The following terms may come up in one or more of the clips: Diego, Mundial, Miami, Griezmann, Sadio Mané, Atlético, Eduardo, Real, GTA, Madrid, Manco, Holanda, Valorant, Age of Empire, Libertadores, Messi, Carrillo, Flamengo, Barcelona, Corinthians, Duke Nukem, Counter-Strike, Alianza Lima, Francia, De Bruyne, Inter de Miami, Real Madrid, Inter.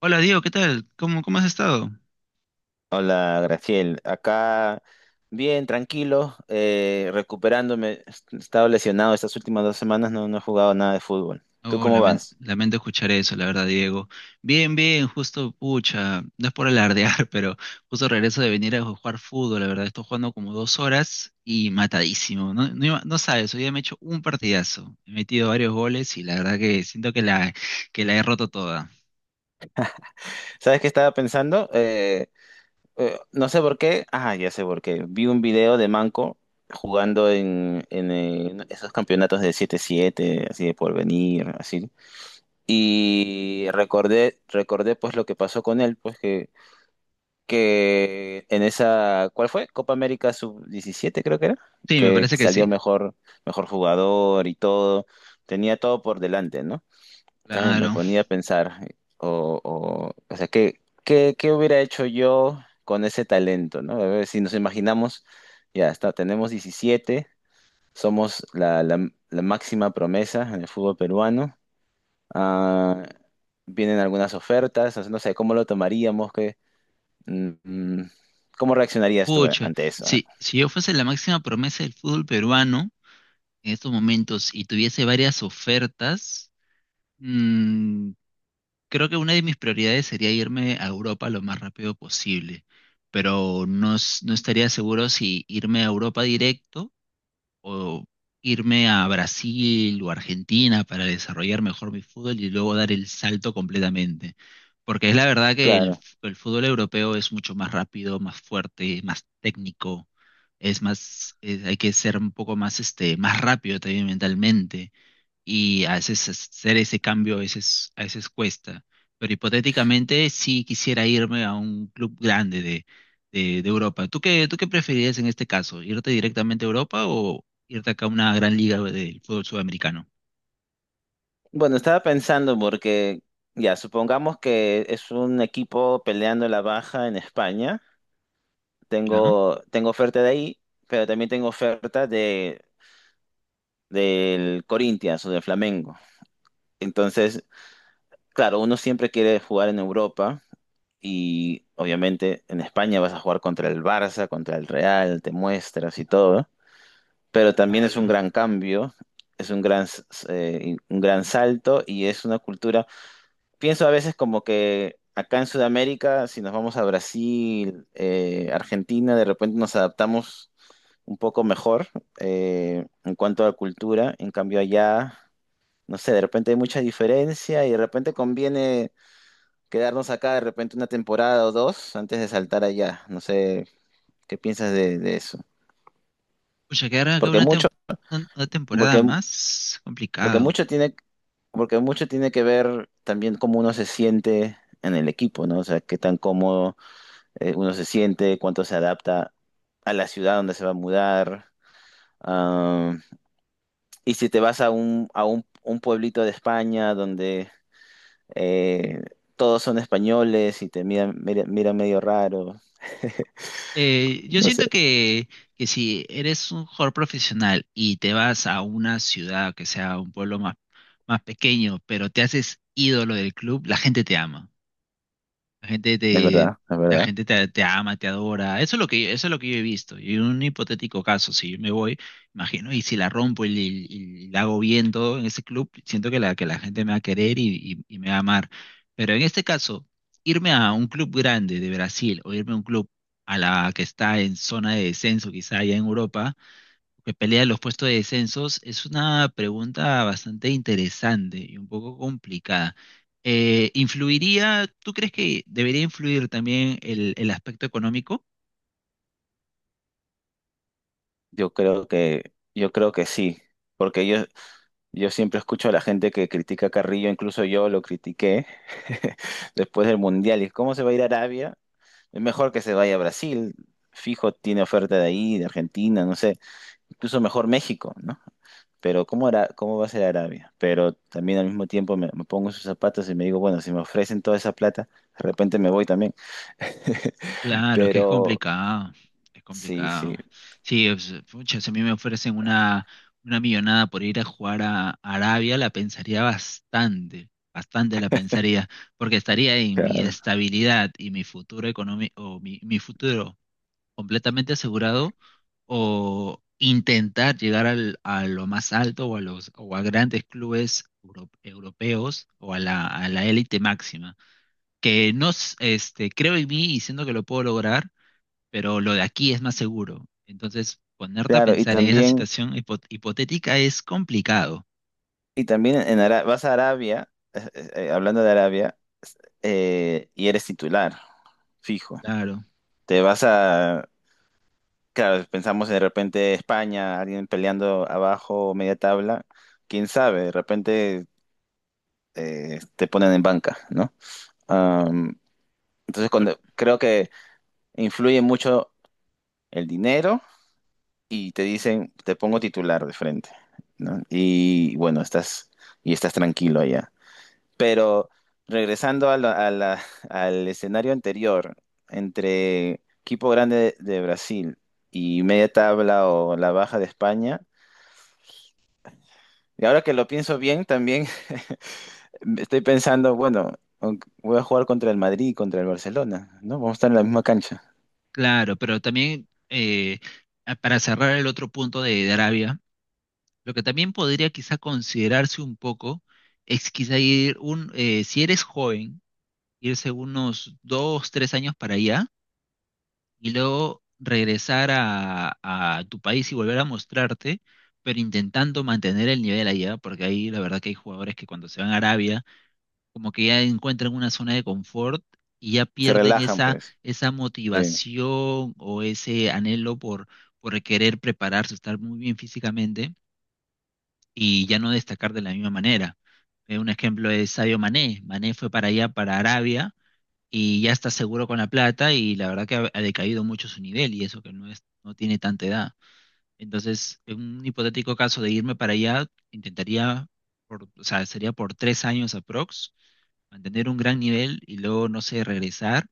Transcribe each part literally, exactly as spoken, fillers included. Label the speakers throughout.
Speaker 1: Hola Diego, ¿qué tal? ¿Cómo, cómo has estado?
Speaker 2: Hola, Graciel. Acá bien, tranquilo, eh, recuperándome. He estado lesionado estas últimas dos semanas, no, no he jugado nada de fútbol. ¿Tú
Speaker 1: Oh,
Speaker 2: cómo
Speaker 1: lamen-
Speaker 2: vas?
Speaker 1: lamento escuchar eso, la verdad, Diego. Bien, bien, justo, pucha, no es por alardear, pero justo regreso de venir a jugar fútbol, la verdad, estoy jugando como dos horas y matadísimo. No, no, iba- no sabes, hoy día me he hecho un partidazo. He metido varios goles y la verdad que siento que la, que la he roto toda.
Speaker 2: ¿Sabes qué estaba pensando? Eh, eh, no sé por qué. Ah, ya sé por qué. Vi un video de Manco jugando en, en, eh, esos campeonatos de siete siete así de porvenir, así. Y recordé, recordé pues lo que pasó con él, pues que en esa, ¿cuál fue? Copa América sub diecisiete creo que era,
Speaker 1: Sí, me
Speaker 2: que
Speaker 1: parece que
Speaker 2: salió
Speaker 1: sí.
Speaker 2: mejor, mejor jugador y todo, tenía todo por delante, ¿no? Entonces me
Speaker 1: Claro.
Speaker 2: ponía a pensar, o, o, o sea, ¿qué, qué, qué hubiera hecho yo con ese talento, ¿no? A ver, si nos imaginamos, ya está, tenemos diecisiete, somos la, la- la máxima promesa en el fútbol peruano, ah, vienen algunas ofertas, o sea, no sé cómo lo tomaríamos. Mm, ¿Cómo reaccionarías tú
Speaker 1: Pucha,
Speaker 2: ante eso? Ah,
Speaker 1: si si yo fuese la máxima promesa del fútbol peruano en estos momentos y tuviese varias ofertas. mm, Creo que una de mis prioridades sería irme a Europa lo más rápido posible, pero no, s- no estaría seguro si irme a Europa directo o irme a Brasil o Argentina para desarrollar mejor mi fútbol y luego dar el salto completamente. Porque es la verdad que el,
Speaker 2: Claro.
Speaker 1: f- el fútbol europeo es mucho más rápido, más fuerte, más técnico, es más, es- hay que ser un poco más, este, más rápido también mentalmente y a veces hacer ese cambio a veces, a veces cuesta. Pero hipotéticamente sí quisiera irme a un club grande de, de, de Europa. ¿Tú qué, ¿tú qué preferirías en este caso? ¿Irte directamente a Europa o irte acá a una gran liga del fútbol sudamericano?
Speaker 2: Bueno, estaba pensando porque, ya, supongamos que es un equipo peleando la baja en España.
Speaker 1: ¿Ya?
Speaker 2: Tengo, tengo oferta de ahí, pero también tengo oferta de, del Corinthians o del Flamengo. Entonces, claro, uno siempre quiere jugar en Europa y obviamente en España vas a jugar contra el Barça, contra el Real, te muestras y todo, pero también es un
Speaker 1: Claro.
Speaker 2: gran cambio, es un gran, s- eh, un gran salto y es una cultura. Pienso a veces como que acá en Sudamérica, si nos vamos a Brasil, eh, Argentina, de repente nos adaptamos un poco mejor eh, en cuanto a cultura, en cambio allá, no sé, de repente hay mucha diferencia y de repente conviene quedarnos acá de repente una temporada o dos antes de saltar allá. No sé, ¿qué piensas de, de eso?
Speaker 1: Pucha, quedar acá
Speaker 2: Porque
Speaker 1: una, tem-
Speaker 2: mucho...
Speaker 1: una una temporada
Speaker 2: Porque
Speaker 1: más
Speaker 2: porque
Speaker 1: complicado.
Speaker 2: mucho tiene, porque mucho tiene que ver también cómo uno se siente en el equipo, ¿no? O sea, qué tan cómodo eh, uno se siente, cuánto se adapta a la ciudad donde se va a mudar. Ah, y si te vas a un, a un, un pueblito de España donde eh, todos son españoles y te miran, miran, miran medio raro.
Speaker 1: Eh, yo
Speaker 2: No sé,
Speaker 1: siento que, que si eres un jugador profesional y te vas a una ciudad que sea un pueblo más, más pequeño, pero te haces ídolo del club, la gente te ama. La gente
Speaker 2: es
Speaker 1: te,
Speaker 2: verdad, es
Speaker 1: la
Speaker 2: verdad.
Speaker 1: gente te, te ama, te adora. Eso es lo que, eso es lo que yo he visto. Y en un hipotético caso, si yo me voy, imagino, y si la rompo y, y- y la hago bien todo en ese club, siento que la, que la gente me va a querer y, y- y me va a amar. Pero en este caso, irme a un club grande de Brasil o irme a un club a la que está en zona de descenso, quizá allá en Europa que pelea los puestos de descensos, es una pregunta bastante interesante y un poco complicada. Eh, ¿influiría, tú crees que debería influir también el, el aspecto económico?
Speaker 2: Yo creo que, yo creo que sí. Porque yo, Yo siempre escucho a la gente que critica a Carrillo, incluso yo lo critiqué después del Mundial. ¿Y cómo se va a ir a Arabia? Es mejor que se vaya a Brasil. Fijo, tiene oferta de ahí, de Argentina, no sé. Incluso mejor México, ¿no? Pero ¿cómo hará, cómo va a ser Arabia? Pero también al mismo tiempo me, me pongo en sus zapatos y me digo, bueno, si me ofrecen toda esa plata, de repente me voy también.
Speaker 1: Claro, es que es
Speaker 2: Pero
Speaker 1: complicado, es
Speaker 2: sí,
Speaker 1: complicado.
Speaker 2: sí.
Speaker 1: Sí, es- pucha, si a mí me ofrecen una, una millonada por ir a jugar a Arabia, la pensaría bastante, bastante la pensaría, porque estaría en mi
Speaker 2: Claro.
Speaker 1: estabilidad y mi futuro económico, o mi mi futuro completamente asegurado o intentar llegar al, a lo más alto o a los o a grandes clubes euro- europeos o a la, a la élite máxima. Que no, s- este, creo en mí y siento que lo puedo lograr, pero lo de aquí es más seguro. Entonces, ponerte a
Speaker 2: Claro, y
Speaker 1: pensar en esa
Speaker 2: también,
Speaker 1: situación hipo- hipotética es complicado.
Speaker 2: y también en Ara- vas a Arabia, eh, eh, eh, hablando de Arabia. Eh, y eres titular, fijo.
Speaker 1: Claro.
Speaker 2: Te vas a, claro, pensamos de repente España, alguien peleando abajo, media tabla, quién sabe, de repente eh, te ponen en banca, ¿no? Am, entonces
Speaker 1: Por-
Speaker 2: cuando, creo que influye mucho el dinero y te dicen, te pongo titular de frente, ¿no? Y bueno, estás, y estás tranquilo allá. Pero regresando a la- a la- al escenario anterior, entre equipo grande de, de Brasil y media tabla o la baja de España, y ahora que lo pienso bien, también estoy pensando, bueno, aunque voy a jugar contra el Madrid y contra el Barcelona, ¿no? Vamos a estar en la misma cancha.
Speaker 1: claro, pero también eh, a- para cerrar el otro punto de, de Arabia. Lo que también podría quizá considerarse un poco es quizá ir un, eh, si eres joven, irse unos dos, tres años para allá y luego regresar a, a tu país y volver a mostrarte, pero intentando mantener el nivel allá, porque ahí la verdad que hay jugadores que cuando se van a Arabia, como que ya encuentran una zona de confort y ya
Speaker 2: Se
Speaker 1: pierden
Speaker 2: relajan,
Speaker 1: esa,
Speaker 2: pues.
Speaker 1: esa
Speaker 2: Sí,
Speaker 1: motivación o ese anhelo por, por querer prepararse, estar muy bien físicamente y ya no destacar de la misma manera. Eh, un ejemplo es Sadio Mané. Mané fue para allá, para Arabia, y ya está seguro con la plata y la verdad que ha, ha decaído mucho su nivel y eso que no es, no tiene tanta edad. Entonces, en un hipotético caso de irme para allá, intentaría, por, o sea, sería por tres años aprox, mantener un gran nivel y luego, no sé, regresar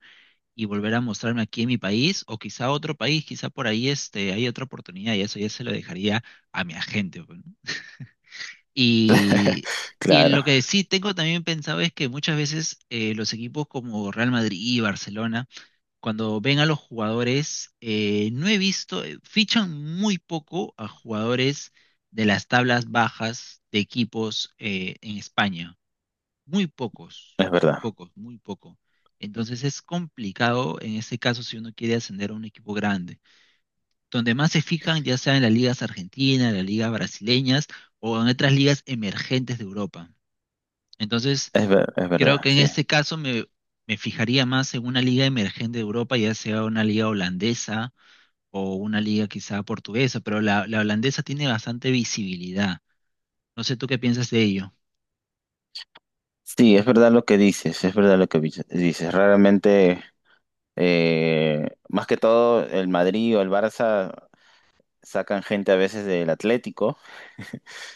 Speaker 1: y volver a mostrarme aquí en mi país o quizá otro país, quizá por ahí este, hay otra oportunidad y eso ya se lo dejaría a mi agente. Pues, ¿no? Y, y
Speaker 2: claro,
Speaker 1: lo que sí tengo también pensado es que muchas veces eh, los equipos como Real Madrid y Barcelona, cuando ven a los jugadores, eh, no he visto, eh, fichan muy poco a jugadores de las tablas bajas de equipos eh, en España. Muy pocos,
Speaker 2: es
Speaker 1: muy
Speaker 2: verdad,
Speaker 1: pocos, muy poco. Entonces es complicado en ese caso si uno quiere ascender a un equipo grande donde más se fijan ya sea en las ligas argentinas, las ligas brasileñas o en otras ligas emergentes de Europa. Entonces,
Speaker 2: es ver- es
Speaker 1: creo
Speaker 2: verdad,
Speaker 1: que en
Speaker 2: sí.
Speaker 1: este caso me, me fijaría más en una liga emergente de Europa, ya sea una liga holandesa o una liga quizá portuguesa, pero la, la holandesa tiene bastante visibilidad. No sé tú qué piensas de ello.
Speaker 2: Sí, es verdad lo que dices, es verdad lo que vi- dices. Raramente, eh, más que todo, el Madrid o el Barça sacan gente a veces del Atlético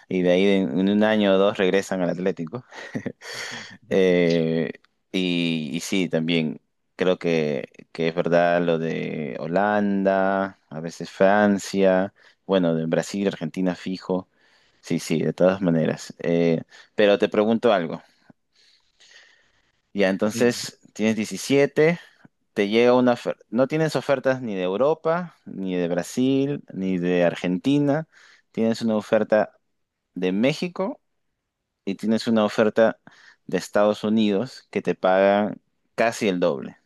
Speaker 2: y de ahí en en un año o dos regresan al Atlético. Eh, y, y sí, también creo que, que es verdad lo de Holanda, a veces Francia, bueno, de Brasil, Argentina fijo. Sí, sí, de todas maneras. Eh, pero te pregunto algo. Ya,
Speaker 1: Dime.
Speaker 2: entonces tienes diecisiete, te llega una oferta. No tienes ofertas ni de Europa, ni de Brasil, ni de Argentina. Tienes una oferta de México y tienes una oferta de Estados Unidos que te pagan casi el doble.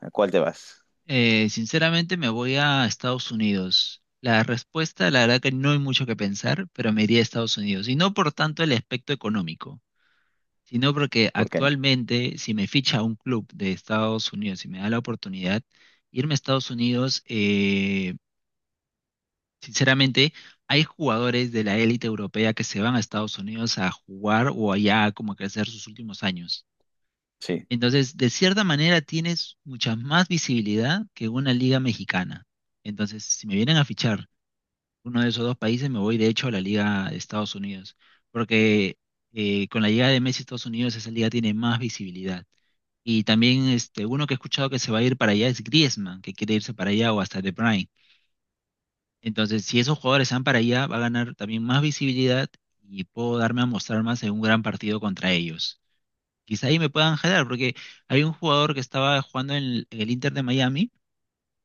Speaker 2: ¿A cuál te vas?
Speaker 1: Eh, sinceramente me voy a Estados Unidos. La respuesta, la verdad que no hay mucho que pensar, pero me iría a Estados Unidos. Y no por tanto el aspecto económico. Sino porque
Speaker 2: ¿Por qué?
Speaker 1: actualmente si me ficha un club de Estados Unidos y me da la oportunidad, irme a Estados Unidos, eh, sinceramente, hay jugadores de la élite europea que se van a Estados Unidos a jugar o allá como a crecer sus últimos años.
Speaker 2: Sí,
Speaker 1: Entonces, de cierta manera, tienes mucha más visibilidad que una liga mexicana. Entonces, si me vienen a fichar uno de esos dos países, me voy de hecho a la Liga de Estados Unidos, porque eh, con la llegada de Messi a Estados Unidos esa liga tiene más visibilidad. Y también este, uno que he escuchado que se va a ir para allá es Griezmann, que quiere irse para allá o hasta De Bruyne. Entonces, si esos jugadores se van para allá, va a ganar también más visibilidad y puedo darme a mostrar más en un gran partido contra ellos. Quizá ahí me puedan jalar, porque hay un jugador que estaba jugando en el, en el Inter de Miami,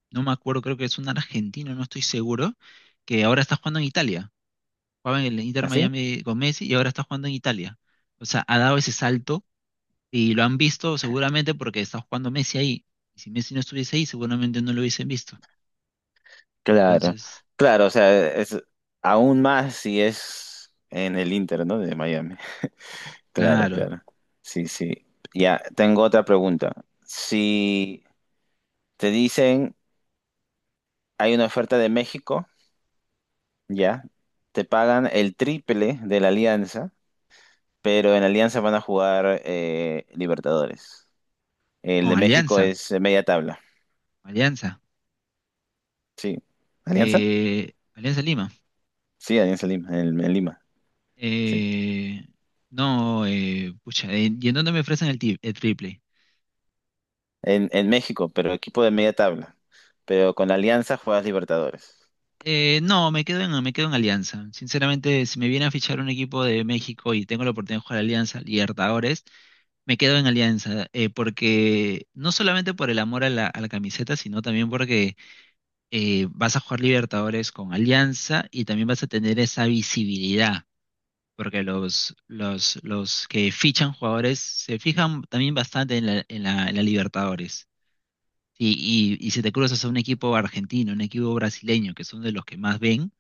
Speaker 1: no me acuerdo, creo que es un argentino, no estoy seguro, que ahora está jugando en Italia, jugaba en el Inter
Speaker 2: ¿así?
Speaker 1: Miami con Messi y ahora está jugando en Italia. O sea, ha dado ese salto y lo han visto seguramente porque está jugando Messi ahí. Y si Messi no estuviese ahí, seguramente no lo hubiesen visto.
Speaker 2: Claro,
Speaker 1: Entonces,
Speaker 2: claro, o sea, es aún más si es en el Inter, ¿no? De Miami. Claro,
Speaker 1: claro,
Speaker 2: claro. Sí, sí. Ya, tengo otra pregunta. Si te dicen hay una oferta de México, ya, te pagan el triple de la Alianza, pero en la Alianza van a jugar eh, Libertadores. El
Speaker 1: con
Speaker 2: de México
Speaker 1: Alianza,
Speaker 2: es eh, media tabla.
Speaker 1: Alianza,
Speaker 2: Sí. ¿Alianza?
Speaker 1: eh, Alianza Lima.
Speaker 2: Sí, Alianza Lima, en, en Lima. Sí.
Speaker 1: Eh, no, eh, pucha, eh, ¿y en dónde me ofrecen el, ti- el triple?
Speaker 2: En, en México, pero equipo de media tabla. Pero con la Alianza juegas Libertadores.
Speaker 1: Eh, no, me quedo en, me quedo en Alianza. Sinceramente, si me viene a fichar un equipo de México y tengo la oportunidad de jugar a Alianza Libertadores, me quedo en Alianza, eh, porque no solamente por el amor a la, a la camiseta, sino también porque eh, vas a jugar Libertadores con Alianza y también vas a tener esa visibilidad, porque los, los, los que fichan jugadores se fijan también bastante en la, en la, en la Libertadores. Y, y, y si te cruzas a un equipo argentino, un equipo brasileño, que son de los que más ven,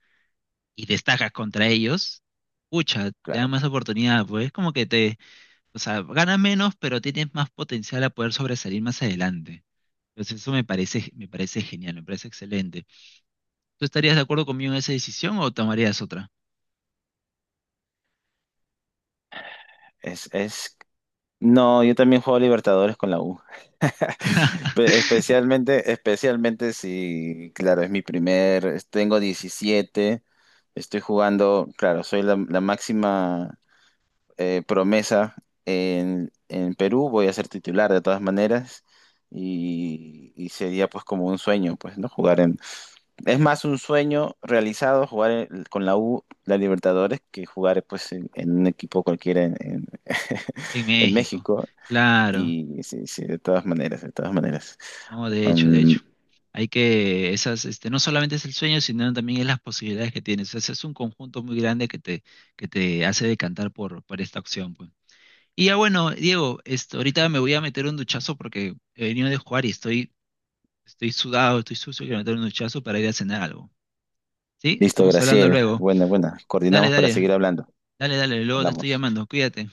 Speaker 1: y destacas contra ellos, pucha, te dan
Speaker 2: Claro.
Speaker 1: más oportunidad, pues es como que te, o sea, gana menos, pero tienes más potencial a poder sobresalir más adelante. Entonces eso me parece, me parece genial, me parece excelente. ¿Tú estarías de acuerdo conmigo en esa decisión o tomarías otra?
Speaker 2: Es, es... No, yo también juego Libertadores con la U. Pe- Especialmente, especialmente si, claro, es mi primer, tengo diecisiete, estoy jugando, claro, soy la, la máxima eh, promesa en, en Perú, voy a ser titular de todas maneras y, y sería pues como un sueño, pues, ¿no? Jugar en... Es más un sueño realizado jugar en- con la U, la Libertadores, que jugar pues en, en un equipo cualquiera en, en-
Speaker 1: En
Speaker 2: en
Speaker 1: México,
Speaker 2: México.
Speaker 1: claro.
Speaker 2: Y sí, sí, de todas maneras, de todas maneras.
Speaker 1: No, de hecho, de
Speaker 2: Um,
Speaker 1: hecho. Hay que, esas, este, no solamente es el sueño, sino también es las posibilidades que tienes. O sea, es un conjunto muy grande que te, que te hace decantar por, por esta opción, pues. Y ya bueno, Diego, esto, ahorita me voy a meter un duchazo porque he venido de jugar y estoy, estoy sudado, estoy sucio, quiero meter un duchazo para ir a cenar algo. ¿Sí?
Speaker 2: listo,
Speaker 1: Estamos hablando
Speaker 2: Graciel.
Speaker 1: luego.
Speaker 2: Buena, buena.
Speaker 1: Dale,
Speaker 2: Coordinamos para
Speaker 1: dale,
Speaker 2: seguir hablando.
Speaker 1: dale, dale, luego te estoy
Speaker 2: Hablamos.
Speaker 1: llamando, cuídate.